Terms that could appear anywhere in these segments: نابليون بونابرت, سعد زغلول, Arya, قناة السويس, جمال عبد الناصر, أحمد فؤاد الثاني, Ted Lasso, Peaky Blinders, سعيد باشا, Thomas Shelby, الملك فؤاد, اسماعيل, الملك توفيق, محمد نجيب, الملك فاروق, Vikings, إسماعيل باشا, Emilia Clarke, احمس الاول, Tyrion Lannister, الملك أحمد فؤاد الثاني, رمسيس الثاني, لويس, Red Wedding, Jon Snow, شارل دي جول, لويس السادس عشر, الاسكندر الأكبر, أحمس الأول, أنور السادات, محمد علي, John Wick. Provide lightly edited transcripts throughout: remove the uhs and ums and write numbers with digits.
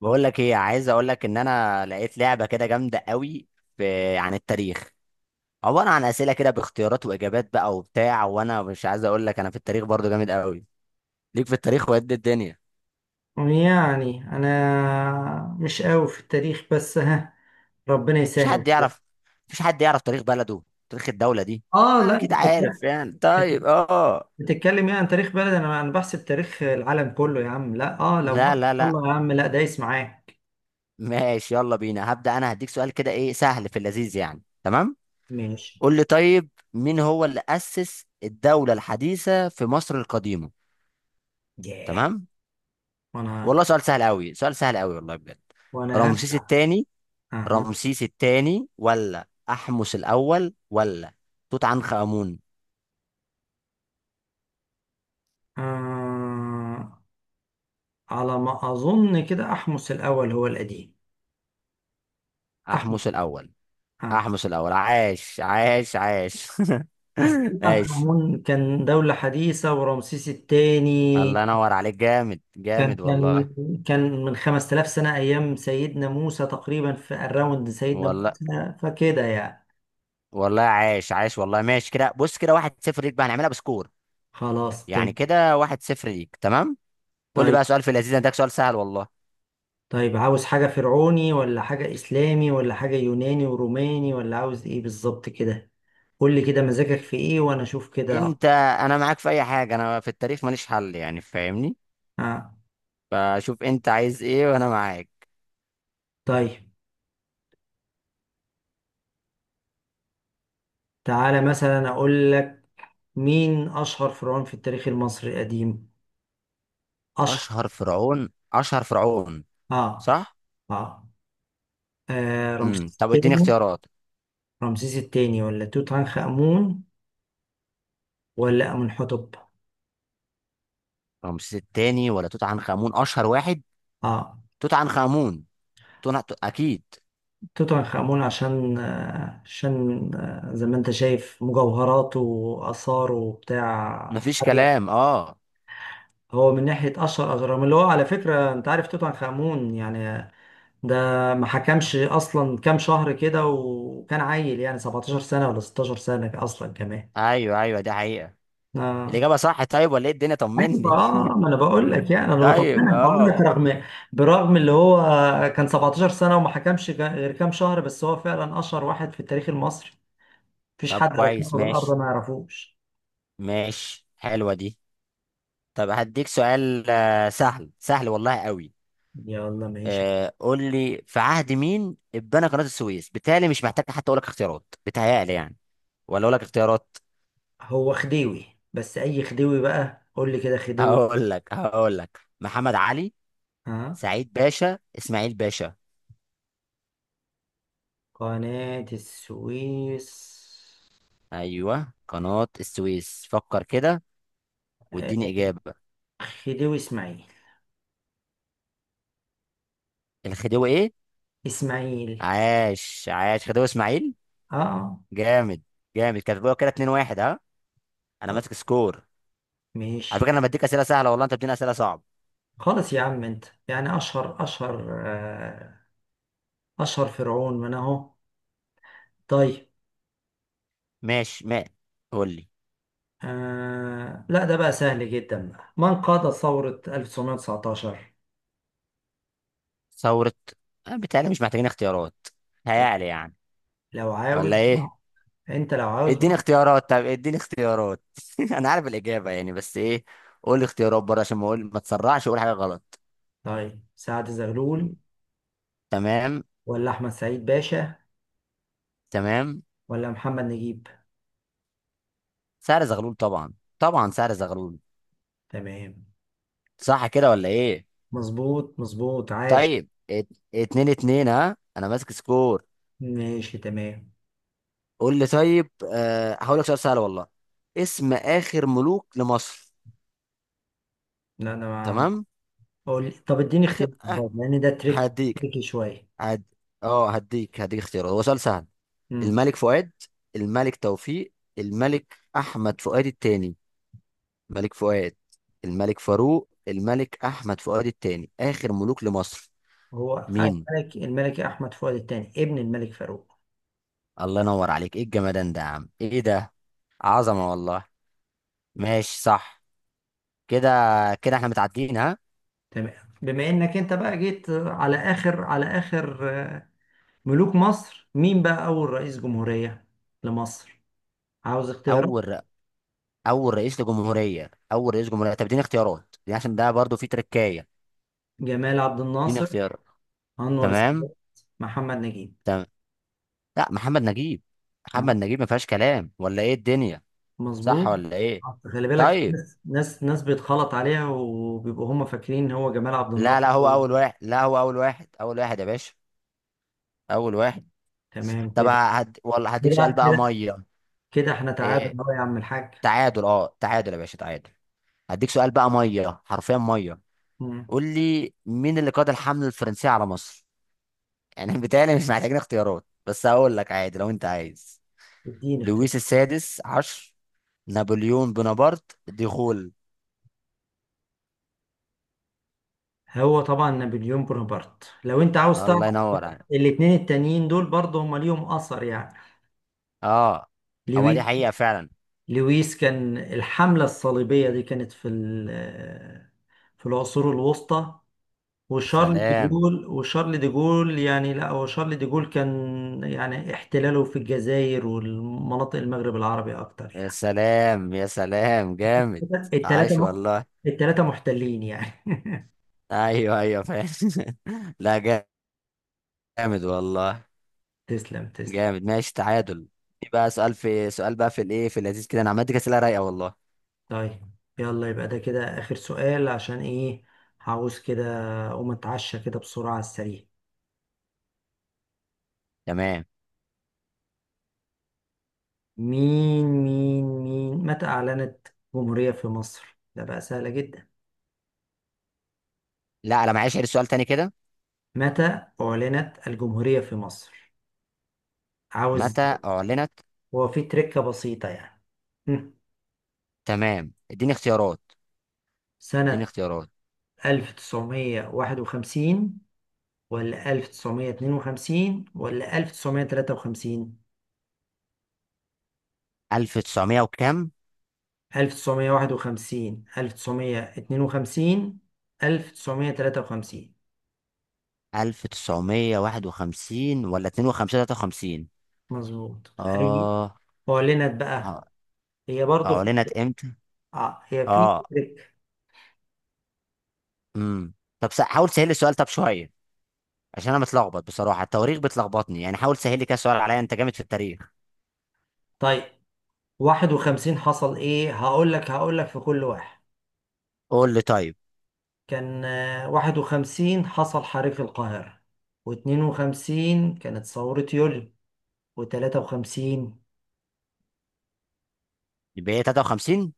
بقول لك ايه؟ عايز اقول لك ان انا لقيت لعبه كده جامده قوي في عن التاريخ. عباره عن اسئله كده باختيارات واجابات بقى وبتاع، وانا مش عايز اقول لك انا في التاريخ برضو جامد قوي. ليك في التاريخ وقد الدنيا. يعني انا مش قوي في التاريخ، بس ها ربنا مش حد يسهل. يعرف مش حد يعرف تاريخ بلده، تاريخ الدوله دي. اه آه، لا، انت اكيد بتتكلم عارف يعني، طيب، اه. بتتكلم يعني عن تاريخ بلد. انا بحسب تاريخ العالم كله يا عم، لا لو لا مصر لا لا. يلا يا عم، لا دايس معاك. ماشي، يلا بينا. هبدا انا هديك سؤال كده ايه سهل في اللذيذ يعني. تمام. ماشي. قول لي طيب، مين هو اللي اسس الدوله الحديثه في مصر القديمه؟ ياه. تمام. وانا والله سؤال سهل قوي، سؤال سهل قوي والله بجد. وانا رمسيس هرجع. الثاني؟ اها، رمسيس الثاني ولا أحمس الأول ولا توت عنخ آمون؟ آه على ما اظن كده احمس الاول هو القديم، احمس، أحمس الأول. اه. أحمس الأول عاش عاش عاش. اصل توت عنخ عاش. آمون كان دولة حديثة، ورمسيس الثاني الله ينور عليك، جامد كان جامد كان والله. كان من 5000 سنة، أيام سيدنا موسى تقريبا، في الراوند سيدنا والله. موسى، فكده يعني. والله عاش عاش والله. ماشي كده، بص كده، واحد صفر ليك بقى، هنعملها بسكور. خلاص يعني تمام. كده واحد صفر ليك. تمام. قول لي بقى طيب، سؤال في اللذيذ، ده سؤال سهل والله. طيب، عاوز حاجة فرعوني ولا حاجة إسلامي ولا حاجة يوناني وروماني، ولا عاوز إيه بالظبط كده؟ قول لي كده مزاجك في إيه وأنا أشوف كده. انت انا معاك في اي حاجه، انا في التاريخ ماليش حل يعني، فاهمني؟ آه. فشوف انت عايز ايه وانا معاك. طيب، تعالى مثلا أقول لك، مين أشهر فرعون في التاريخ المصري القديم؟ أشهر. اشهر فرعون اشهر فرعون. آه صح. آه, رمسيس طب اديني الثاني. اختيارات. رمسيس الثاني ولا توت عنخ آمون ولا أمنحتب؟ رمسيس التاني ولا توت عنخ امون اشهر واحد؟ اه توت عنخ امون. اكيد. توت عنخ آمون، عشان زي ما انت شايف مجوهراته وآثاره وبتاع. مفيش كلام، اه. هو من ناحية أشهر أهرام، اللي هو على فكرة أنت عارف توت عنخ آمون يعني، ده ما حكمش أصلا كام شهر كده، وكان عيل يعني 17 سنة ولا 16 سنة أصلا كمان. ايوه ايوه، دي حقيقة. آه. الاجابة صح طيب ولا ايه الدنيا؟ ايوه، طمني. ما انا بقول لك يعني، انا طيب، بطمنك بقول اه. لك، برغم اللي هو كان 17 سنه وما حكمش غير كام شهر، بس هو فعلا اشهر واحد في التاريخ المصري. مفيش طب حد على كويس، كوكب الارض ماشي. ما يعرفوش. ماشي حلوة دي. طب هديك سؤال سهل، سهل والله قوي. يلا ماشي. قول لي، في عهد مين اتبنى قناة السويس؟ بالتالي مش محتاج حتى اقول لك اختيارات، بتهيألي يعني. ولا اقول لك اختيارات؟ هو خديوي، بس اي خديوي بقى؟ قول لي كده خديوي. هقول لك محمد علي، ها سعيد باشا، اسماعيل باشا. قناة السويس. ايوه، قناة السويس، فكر كده، واديني آه، اجابة. خديوي اسماعيل. الخديوي ايه؟ اسماعيل. عاش عاش خديوي اسماعيل. اه آه، جامد، جامد، كاتبوها كده 2-1، ها. انا خلاص، ماسك سكور. على فكرة ماشي. انا بديك اسئلة سهلة والله، انت بتديني اسئلة صعبة. خلاص يا عم انت يعني، اشهر اشهر أشهر فرعون من أهو. طيب. ماشي ما قول لي. لا ده بقى سهل جدا بقى، من قاد ثورة 1919؟ ثورة بالتالي مش محتاجين اختيارات. هيعلى يعني، لو عاوز ولا ايه؟ بقى. أنت لو عاوز اديني بقى. اختيارات، طب اديني اختيارات. انا عارف الاجابه يعني بس ايه. قول لي اختيارات بره عشان ما اقول ما تسرعش اقول حاجه غلط. طيب، سعد زغلول تمام. ولا أحمد سعيد باشا تمام. ولا محمد نجيب؟ سعر زغلول طبعا، طبعا سعر زغلول. تمام. صح كده ولا ايه؟ مظبوط، مظبوط، عاش. طيب، اتنين اتنين ها، انا ماسك سكور. ماشي تمام. قول لي طيب، هقول لك سؤال سهل والله. اسم اخر ملوك لمصر. لا أنا ما تمام. أقول، طب اديني اخر اختيار أ- برضه، لأن ده تريك هديك تريكي شويه. هد... اه هديك هديك اختيارات، هو سؤال سهل. مم. الملك فؤاد، الملك توفيق، الملك احمد فؤاد الثاني. ملك فؤاد، الملك فاروق، الملك احمد فؤاد الثاني اخر ملوك لمصر. هو مين؟ الملك أحمد فؤاد الثاني، ابن الملك فاروق. الله ينور عليك، ايه الجمدان ده يا عم؟ ايه ده؟ عظمه والله. ماشي، صح كده. كده احنا متعادلين، ها. تمام. بما انك انت بقى جيت على اخر ملوك مصر، مين بقى اول رئيس جمهورية لمصر؟ عاوز اختيارات؟ اول اول رئيس لجمهوريه، اول رئيس جمهوريه. طب اديني اختيارات دي، عشان ده برضو في تركايه. جمال عبد اديني الناصر، اختيارات. انور تمام. السادات، محمد نجيب. تمام. لا، محمد نجيب. محمد ها نجيب، ما فيهاش كلام ولا ايه الدنيا؟ صح مظبوط. ولا ايه؟ خلي بالك، في طيب. ناس بيتخلط عليها وبيبقوا هم فاكرين ان هو جمال عبد لا الناصر. لا، هو اول واحد. لا، هو اول واحد، اول واحد يا باشا، اول واحد. تمام طب والله هديك سؤال كده بقى كده ميه. كده احنا إيه؟ تعادل اهو يا عم الحاج. تعادل، اه تعادل يا باشا، تعادل. هديك سؤال بقى ميه، حرفيا ميه. مم. قول لي، مين اللي قاد الحمله الفرنسيه على مصر؟ يعني بيتهيألي مش محتاجين اختيارات، بس هقول لك عادي لو انت عايز. اديني اختيار. لويس السادس عشر، نابليون بونابرت، ديغول. هو طبعا نابليون بونابرت لو انت عاوز تعرف. الله ينور عليك، الاتنين التانيين دول برضه هما ليهم اثر يعني. اه. هو دي لويس حقيقه فعلا. لويس كان الحملة الصليبية دي كانت في في العصور الوسطى. وشارل دي سلام. جول وشارل دي جول يعني، لا هو شارل دي جول كان يعني احتلاله في الجزائر والمناطق المغرب العربي اكتر يا يعني. سلام، يا سلام، جامد. التلاتة عاش م- والله. التلاتة محتلين يعني. ايوه ايوه، فاهم. لا. جامد والله، تسلم، تسلم. جامد. ماشي، تعادل. يبقى سؤال في سؤال بقى في الايه، في اللذيذ كده. انا عملت كده اسئله رايقه والله. طيب، يلا يبقى ده كده آخر سؤال، عشان ايه هعوز كده أقوم أتعشى كده بسرعة على السريع. تمام. مين مين مين متى أعلنت الجمهورية في مصر؟ ده بقى سهلة جدا. لا، انا معيش غير سؤال تاني كده. متى أعلنت الجمهورية في مصر؟ عاوز؟ متى اعلنت؟ هو في تركة بسيطة يعني. هم. تمام، اديني اختيارات. اديني سنة اختيارات 1951 ولا 1952 ولا 1953؟ 1900 وكام؟ 1951، 1952، 1953. 1951 ولا 52 53؟ مظبوط. هي اه أعلنت بقى، آه. هي برضه في... اعلنت امتى؟ هي في. اه امم طب، حاول تسهل لي السؤال طب شويه، عشان انا متلخبط بصراحه، التواريخ بتلخبطني يعني، حاول تسهل لي كده سؤال عليا، انت جامد في التاريخ. طيب، 51 حصل إيه هقول لك، هقول لك في كل واحد. قول لي طيب. كان 51 حصل حريق القاهرة، و52 كانت ثورة يوليو، و53. يبقى هي 53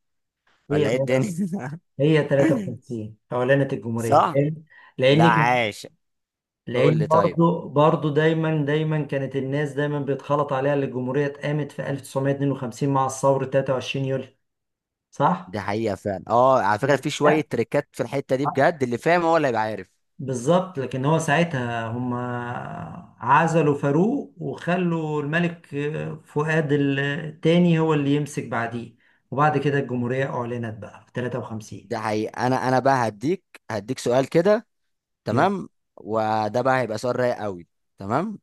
هي ولا ايه الدنيا؟ هي 53 أعلنت الجمهورية. صح. لأن لأن لا، عاش. قول لان لي طيب. برضو دايما كانت الناس دايما بيتخلط عليها، اللي الجمهوريه اتقامت في 1952 مع الثوره 23 يوليو. صح؟ دي حقيقة فعلا، اه، على فكرة في لا شوية تريكات في الحتة دي صح. بجد، اللي فاهم هو اللي هيبقى عارف. بالظبط، لكن هو ساعتها هم عزلوا فاروق وخلوا الملك فؤاد الثاني هو اللي يمسك بعديه، وبعد كده الجمهوريه اعلنت بقى في 53. ده حقيقة. انا بقى هديك سؤال كده. يلا، تمام. وده بقى هيبقى سؤال رايق قوي. تمام.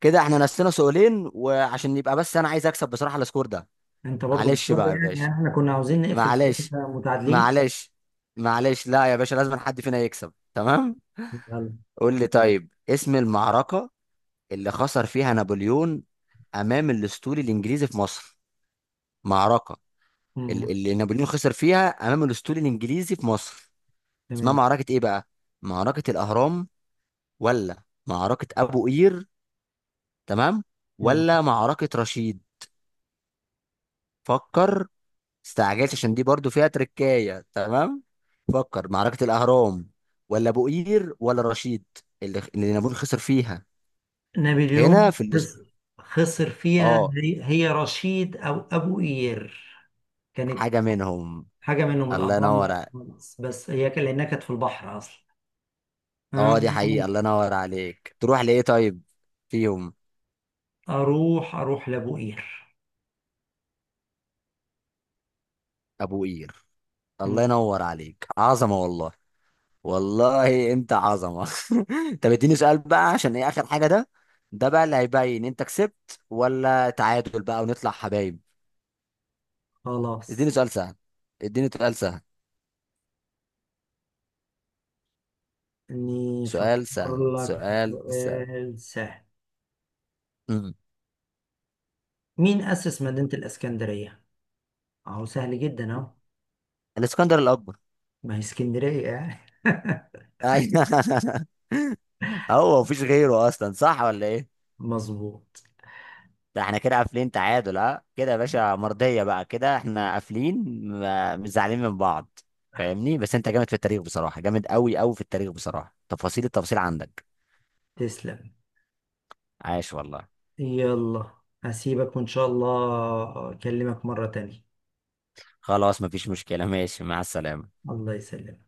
كده احنا نسينا سؤالين، وعشان يبقى بس انا عايز اكسب بصراحة السكور ده. انت برضو معلش مضطر بقى يا باشا، يعني، احنا كنا عاوزين نقفل، معلش، إحنا متعادلين. معلش، معلش. لا يا باشا، لازم حد فينا يكسب. تمام. يلا. قول لي طيب، اسم المعركة اللي خسر فيها نابليون امام الاسطول الانجليزي في مصر. معركه أمم، اللي نابليون خسر فيها امام الاسطول الانجليزي في مصر، اسمها تمام. معركه ايه بقى؟ معركه الاهرام ولا معركه ابو قير، تمام، أمم. ولا معركه رشيد؟ فكر. استعجلت عشان دي برضو فيها تركايه. تمام. فكر، معركه الاهرام ولا ابو قير ولا رشيد؟ اللي نابليون خسر فيها نابليون هنا في خسر. خسر فيها، اه. هي رشيد او ابو قير كانت. حاجه منهم. حاجه منهم. الله الاهرام ينور. لا خالص، بس هي كان لانها كانت في البحر اصلا. اه، أم، دي حقيقة، الله ينور عليك. تروح لإيه طيب فيهم؟ اروح لابو قير. أبو قير. أم، الله ينور عليك، عظمة والله. والله أنت عظمة. طب اديني سؤال بقى، عشان إيه آخر حاجة ده، ده بقى اللي هيبين أنت كسبت ولا تعادل بقى ونطلع حبايب. خلاص اديني سؤال سهل، اديني سؤال سهل، اني سؤال افكر سهل، لك في سؤال سهل. سؤال سهل. مم. مين اسس مدينه الاسكندريه؟ اهو سهل جدا اهو. الاسكندر الأكبر. ما هي اسكندريه يعني. أيوه. هو مفيش غيره أصلا، صح ولا إيه؟ مظبوط. ده احنا كده قافلين تعادل، اه، كده يا باشا مرضية بقى، كده احنا قافلين، مش زعلانين من بعض، فاهمني؟ بس انت جامد في التاريخ بصراحة، جامد قوي قوي في التاريخ بصراحة، تفاصيل، التفاصيل عندك. تسلم. عاش والله. يلا، هسيبك وان شاء الله اكلمك مره تانية. خلاص، مفيش مشكلة، ماشي، مع السلامة. الله يسلمك.